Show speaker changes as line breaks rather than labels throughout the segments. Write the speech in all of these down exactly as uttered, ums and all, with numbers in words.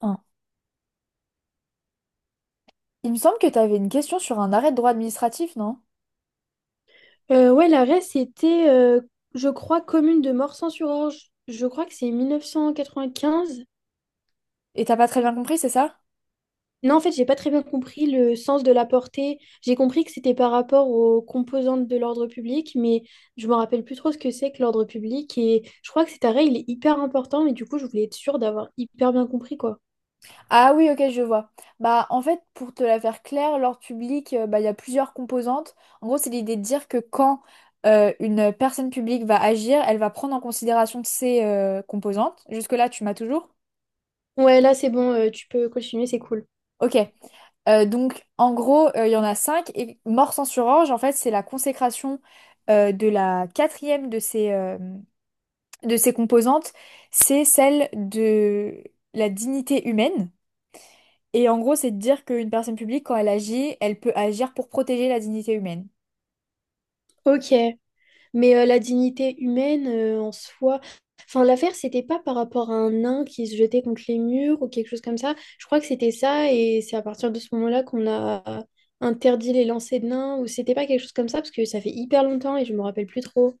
Hein. Il me semble que tu avais une question sur un arrêt de droit administratif, non?
Euh, ouais, l'arrêt, c'était, euh, je crois, commune de Morsang-sur-Orge. Je crois que c'est mille neuf cent quatre-vingt quinze.
Et t'as pas très bien compris, c'est ça?
Non, en fait, j'ai pas très bien compris le sens de la portée. J'ai compris que c'était par rapport aux composantes de l'ordre public, mais je me rappelle plus trop ce que c'est que l'ordre public. Et je crois que cet arrêt, il est hyper important, mais du coup, je voulais être sûre d'avoir hyper bien compris, quoi.
Ah oui, ok, je vois. Bah, en fait, pour te la faire claire, l'ordre public, euh, bah, il y a plusieurs composantes. En gros, c'est l'idée de dire que quand euh, une personne publique va agir, elle va prendre en considération ces euh, composantes. Jusque-là, tu m'as toujours?
Ouais, là, c'est bon, euh, tu peux continuer, c'est cool.
Ok. Euh, donc, en gros, euh, il y en a cinq. Et mort sans surorge, en fait, c'est la consécration euh, de la quatrième de ces, euh, de ses composantes, c'est celle de la dignité humaine. Et en gros, c'est de dire qu'une personne publique, quand elle agit, elle peut agir pour protéger la dignité humaine.
Ok. Mais euh, la dignité humaine euh, en soi. Enfin, l'affaire, c'était pas par rapport à un nain qui se jetait contre les murs ou quelque chose comme ça. Je crois que c'était ça, et c'est à partir de ce moment-là qu'on a interdit les lancers de nains, ou c'était pas quelque chose comme ça, parce que ça fait hyper longtemps et je me rappelle plus trop.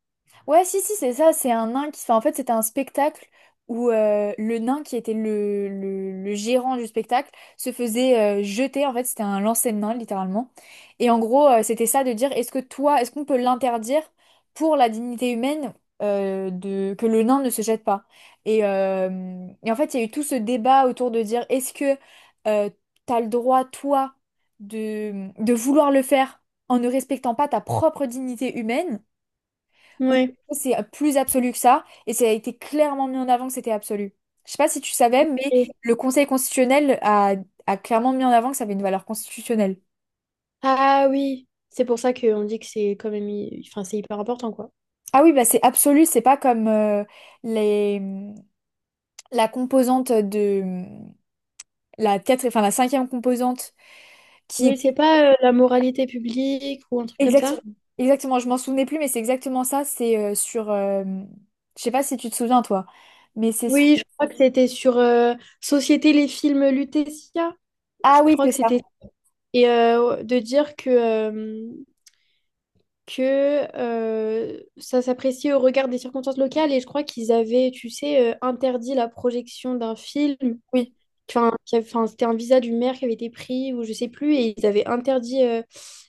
Ouais, si, si, c'est ça. C'est un nain qui. Enfin, en fait, c'était un spectacle où euh, le nain qui était le, le, le gérant du spectacle se faisait euh, jeter. En fait, c'était un lancer de nain, littéralement. Et en gros, euh, c'était ça de dire est-ce que toi, est-ce qu'on peut l'interdire pour la dignité humaine euh, de, que le nain ne se jette pas? Et, euh, et en fait, il y a eu tout ce débat autour de dire est-ce que euh, t'as le droit, toi, de, de vouloir le faire en ne respectant pas ta propre dignité humaine? Ou
Ouais.
c'est plus absolu que ça, et ça a été clairement mis en avant que c'était absolu. Je sais pas si tu savais, mais
Et-
le Conseil constitutionnel a, a clairement mis en avant que ça avait une valeur constitutionnelle.
Ah oui, c'est pour ça qu'on dit que c'est quand même. hy- Enfin, c'est hyper important, quoi.
Ah oui, bah c'est absolu, c'est pas comme euh, les, la composante de la quatre, enfin la cinquième composante qui
Oui,
est
c'est pas euh, la moralité publique ou un truc comme ça.
exactement, exactement, je m'en souvenais plus, mais c'est exactement ça, c'est euh, sur, euh, je sais pas si tu te souviens toi, mais c'est su-
Oui, je crois que c'était sur euh, Société les films Lutetia. Je
ah oui,
crois
c'est
que
ça,
c'était et euh, de dire que, euh, que euh, ça s'appréciait au regard des circonstances locales. Et je crois qu'ils avaient, tu sais, euh, interdit la projection d'un film.
oui.
Enfin, qui avait- enfin, c'était un visa du maire qui avait été pris, ou je sais plus, et ils avaient interdit euh,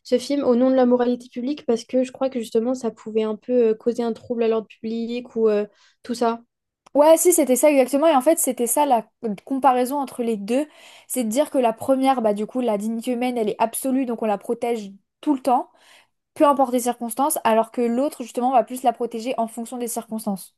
ce film au nom de la moralité publique parce que je crois que justement ça pouvait un peu euh, causer un trouble à l'ordre public ou euh, tout ça.
Ouais, si, c'était ça exactement. Et en fait, c'était ça la comparaison entre les deux. C'est de dire que la première, bah, du coup, la dignité humaine, elle est absolue, donc on la protège tout le temps, peu importe les circonstances, alors que l'autre, justement, va plus la protéger en fonction des circonstances.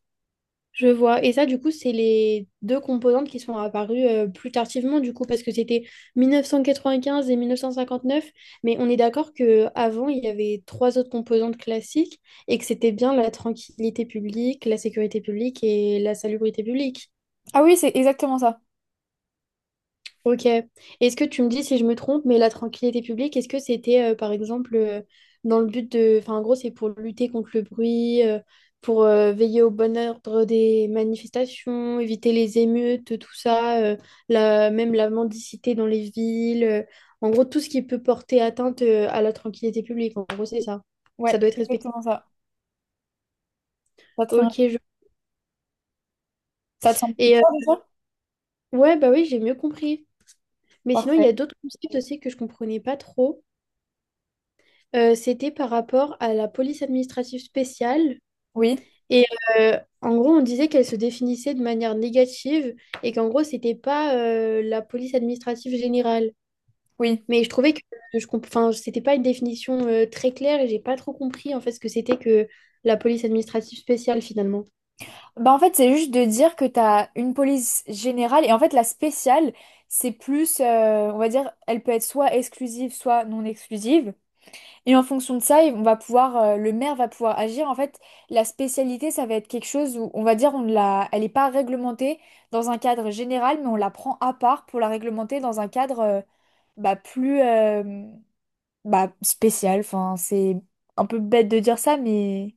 Je vois. Et ça, du coup, c'est les deux composantes qui sont apparues euh, plus tardivement, du coup, parce que c'était mille neuf cent quatre-vingt-quinze et mille neuf cent cinquante-neuf. Mais on est d'accord que avant il y avait trois autres composantes classiques et que c'était bien la tranquillité publique, la sécurité publique et la salubrité publique.
Ah oui, c'est exactement ça.
Ok. Est-ce que tu me dis si je me trompe, mais la tranquillité publique, est-ce que c'était euh, par exemple euh, dans le but de... Enfin, en gros, c'est pour lutter contre le bruit, euh, pour euh, veiller au bon ordre des manifestations, éviter les émeutes, tout ça, euh, la... même la mendicité dans les villes. Euh, en gros, tout ce qui peut porter atteinte euh, à la tranquillité publique. En gros, c'est ça.
Ouais,
Ça doit être
c'est
respecté.
exactement ça. Ça te,
Ok. je-
ça te semble
Et euh,
clair, déjà?
ouais, bah oui, j'ai mieux compris. Mais sinon, il
Parfait.
y a d'autres concepts aussi que je comprenais pas trop. Euh, c'était par rapport à la police administrative spéciale.
Oui,
Et euh, en gros, on disait qu'elle se définissait de manière négative et qu'en gros, c'était pas euh, la police administrative générale.
oui.
Mais je trouvais que je comp- enfin, c'était pas une définition euh, très claire et j'ai pas trop compris en fait ce que c'était que la police administrative spéciale finalement.
Bah, en fait, c'est juste de dire que t'as une police générale, et en fait, la spéciale, c'est plus, euh, on va dire, elle peut être soit exclusive, soit non exclusive. Et en fonction de ça, on va pouvoir, euh, le maire va pouvoir agir. En fait, la spécialité, ça va être quelque chose où on va dire on ne l'a, elle n'est pas réglementée dans un cadre général, mais on la prend à part pour la réglementer dans un cadre euh, bah, plus euh, bah, spécial. Enfin, c'est un peu bête de dire ça, mais,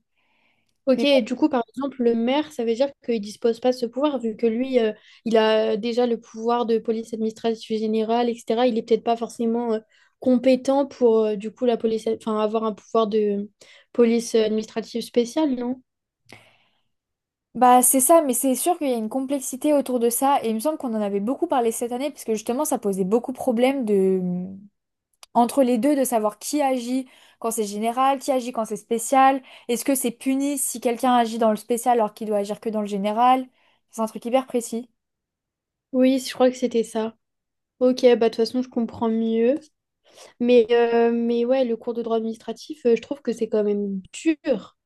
Ok,
mais bon.
et du coup, par exemple, le maire, ça veut dire qu'il dispose pas de ce pouvoir, vu que lui, euh, il a déjà le pouvoir de police administrative générale, et cetera. Il est peut-être pas forcément euh, compétent pour, euh, du coup, la police, enfin, avoir un pouvoir de police administrative spéciale, non?
Bah, c'est ça, mais c'est sûr qu'il y a une complexité autour de ça. Et il me semble qu'on en avait beaucoup parlé cette année, parce que justement, ça posait beaucoup de problèmes de. Entre les deux de savoir qui agit quand c'est général, qui agit quand c'est spécial. Est-ce que c'est puni si quelqu'un agit dans le spécial alors qu'il doit agir que dans le général? C'est un truc hyper précis.
Oui, je crois que c'était ça. Ok, bah, de toute façon, je comprends mieux. Mais, euh, mais ouais, le cours de droit administratif, euh, je trouve que c'est quand même dur.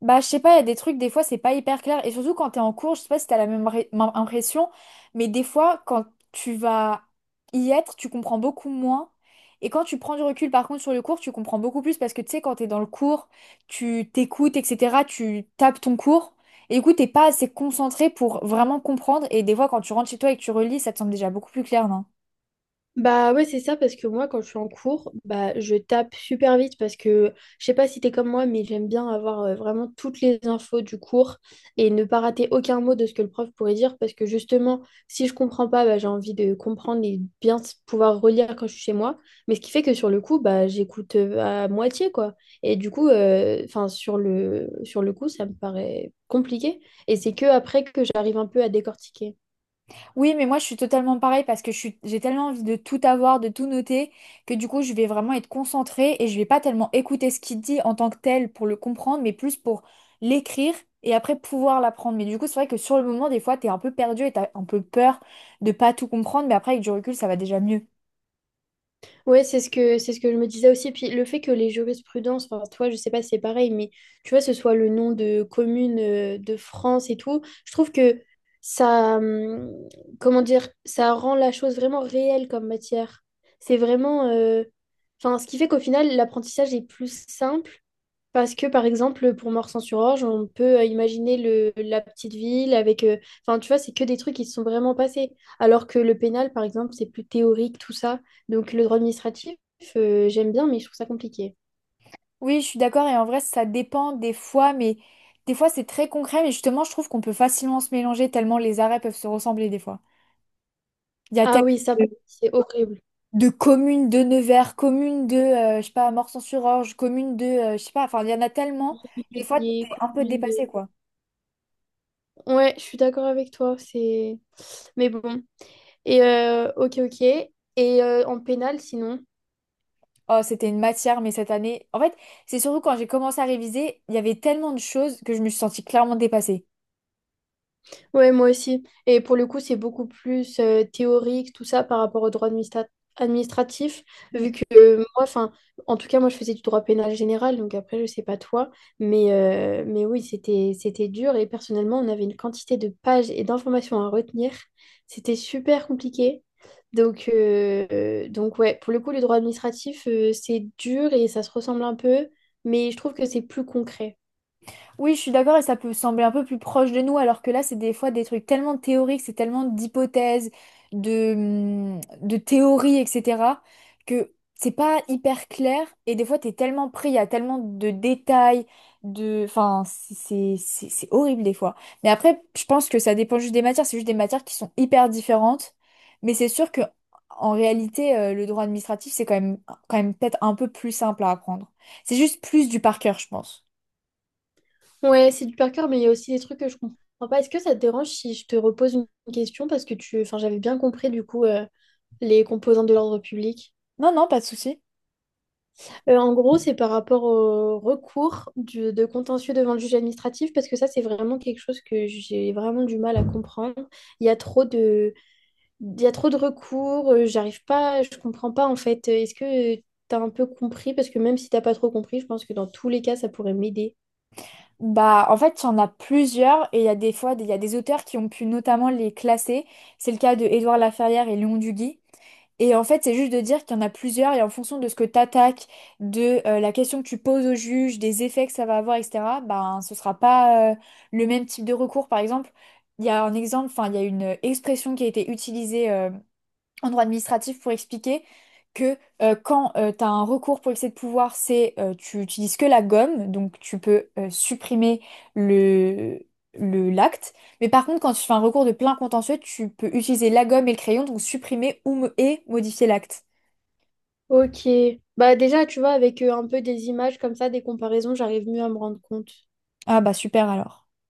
Bah, je sais pas, il y a des trucs, des fois, c'est pas hyper clair. Et surtout quand t'es en cours, je sais pas si t'as la même ré- même impression, mais des fois, quand tu vas y être, tu comprends beaucoup moins. Et quand tu prends du recul, par contre, sur le cours, tu comprends beaucoup plus parce que tu sais, quand t'es dans le cours, tu t'écoutes, et cetera, tu tapes ton cours. Et du coup, t'es pas assez concentré pour vraiment comprendre. Et des fois, quand tu rentres chez toi et que tu relis, ça te semble déjà beaucoup plus clair, non?
Bah ouais, c'est ça, parce que moi, quand je suis en cours, bah je tape super vite parce que je sais pas si t'es comme moi, mais j'aime bien avoir euh, vraiment toutes les infos du cours et ne pas rater aucun mot de ce que le prof pourrait dire parce que justement, si je comprends pas, bah, j'ai envie de comprendre et bien s- pouvoir relire quand je suis chez moi. Mais ce qui fait que sur le coup, bah j'écoute euh, à moitié, quoi. Et du coup, enfin, sur le, sur le coup, ça me paraît compliqué. Et c'est que après que j'arrive un peu à décortiquer.
Oui, mais moi je suis totalement pareil parce que je suis, j'ai tellement envie de tout avoir, de tout noter, que du coup je vais vraiment être concentrée et je vais pas tellement écouter ce qu'il dit en tant que tel pour le comprendre, mais plus pour l'écrire et après pouvoir l'apprendre. Mais du coup, c'est vrai que sur le moment, des fois, t'es un peu perdu et t'as un peu peur de pas tout comprendre, mais après avec du recul, ça va déjà mieux.
Ouais, c'est ce que c'est ce que je me disais aussi. Puis le fait que les jurisprudences, enfin toi, je sais pas si c'est pareil, mais tu vois, ce soit le nom de commune euh, de France et tout, je trouve que ça, hum, comment dire, ça rend la chose vraiment réelle comme matière. C'est vraiment, euh, enfin, ce qui fait qu'au final, l'apprentissage est plus simple parce que, par exemple, pour Morsan-sur-Orge, on peut euh, imaginer le, la petite ville avec... euh, Enfin, tu vois, c'est que des trucs qui se sont vraiment passés. Alors que le pénal, par exemple, c'est plus théorique, tout ça. Donc, le droit administratif, euh, j'aime bien, mais je trouve ça compliqué.
Oui, je suis d'accord et en vrai, ça dépend des fois, mais des fois c'est très concret, mais justement, je trouve qu'on peut facilement se mélanger tellement les arrêts peuvent se ressembler des fois. Il y a
Ah
tellement.
oui, ça, par contre,
de-
c'est horrible.
de communes de Nevers, communes de, euh, je sais pas, Morsan-sur-Orge, communes de, euh, je sais pas, enfin, il y en a tellement. Des fois,
Lié,
t'es un peu
commune de-
dépassé, quoi.
Ouais, je suis d'accord avec toi, c'est... Mais bon. Et, euh, ok, ok. Et euh, en pénal, sinon?
Oh, c'était une matière, mais cette année... En fait, c'est surtout quand j'ai commencé à réviser, il y avait tellement de choses que je me suis sentie clairement dépassée.
Ouais, moi aussi. Et pour le coup, c'est beaucoup plus euh, théorique, tout ça, par rapport au droit administra- administratif, vu que euh, moi, enfin, en tout cas, moi, je faisais du droit pénal général, donc après, je sais pas toi, mais, euh, mais oui, c'était, c'était dur, et personnellement, on avait une quantité de pages et d'informations à retenir. C'était super compliqué. Donc, euh, euh, donc ouais, pour le coup, le droit administratif, euh, c'est dur et ça se ressemble un peu, mais je trouve que c'est plus concret.
Oui, je suis d'accord et ça peut sembler un peu plus proche de nous, alors que là, c'est des fois des trucs tellement théoriques, c'est tellement d'hypothèses, de, hum, de théories, et cetera, que c'est pas hyper clair et des fois, t'es tellement pris, il y a tellement de détails, de... Enfin, c'est c'est- c'est- c'est horrible des fois. Mais après, je pense que ça dépend juste des matières, c'est juste des matières qui sont hyper différentes, mais c'est sûr que en réalité, euh, le droit administratif, c'est quand même, quand même peut-être un peu plus simple à apprendre. C'est juste plus du par cœur, je pense.
Ouais, c'est du par cœur, mais il y a aussi des trucs que je comprends pas. Est-ce que ça te dérange si je te repose une question parce que tu, enfin, j'avais bien compris du coup euh, les composantes de l'ordre public.
Non, non, pas de souci.
Euh, en gros, c'est par rapport au recours du- de contentieux devant le juge administratif parce que ça, c'est vraiment quelque chose que j'ai vraiment du mal à comprendre. Il y a trop de, il y a trop de recours. Euh, j'arrive pas, je comprends pas en fait. Est-ce que t'as un peu compris? Parce que même si t'as pas trop compris, je pense que dans tous les cas, ça pourrait m'aider.
Bah, en fait, il y en a plusieurs et il y a des fois, des- il y a des auteurs qui ont pu notamment les classer. C'est le cas de Édouard Laferrière et Léon Duguy. Et en fait, c'est juste de dire qu'il y en a plusieurs et en fonction de ce que t'attaques, de euh, la question que tu poses au juge, des effets que ça va avoir, et cetera, ben, ce sera pas euh, le même type de recours. Par exemple, il y a un exemple, enfin, il y a une expression qui a été utilisée euh, en droit administratif pour expliquer que euh, quand tu as un recours pour excès de pouvoir, c'est euh, tu utilises que la gomme, donc tu peux euh, supprimer le le l'acte. Mais par contre, quand tu fais un recours de plein contentieux, tu peux utiliser la gomme et le crayon, donc supprimer ou mo- et modifier l'acte.
Ok. Bah déjà, tu vois, avec euh, un peu des images comme ça, des comparaisons, j'arrive mieux à me rendre compte.
Ah bah super alors.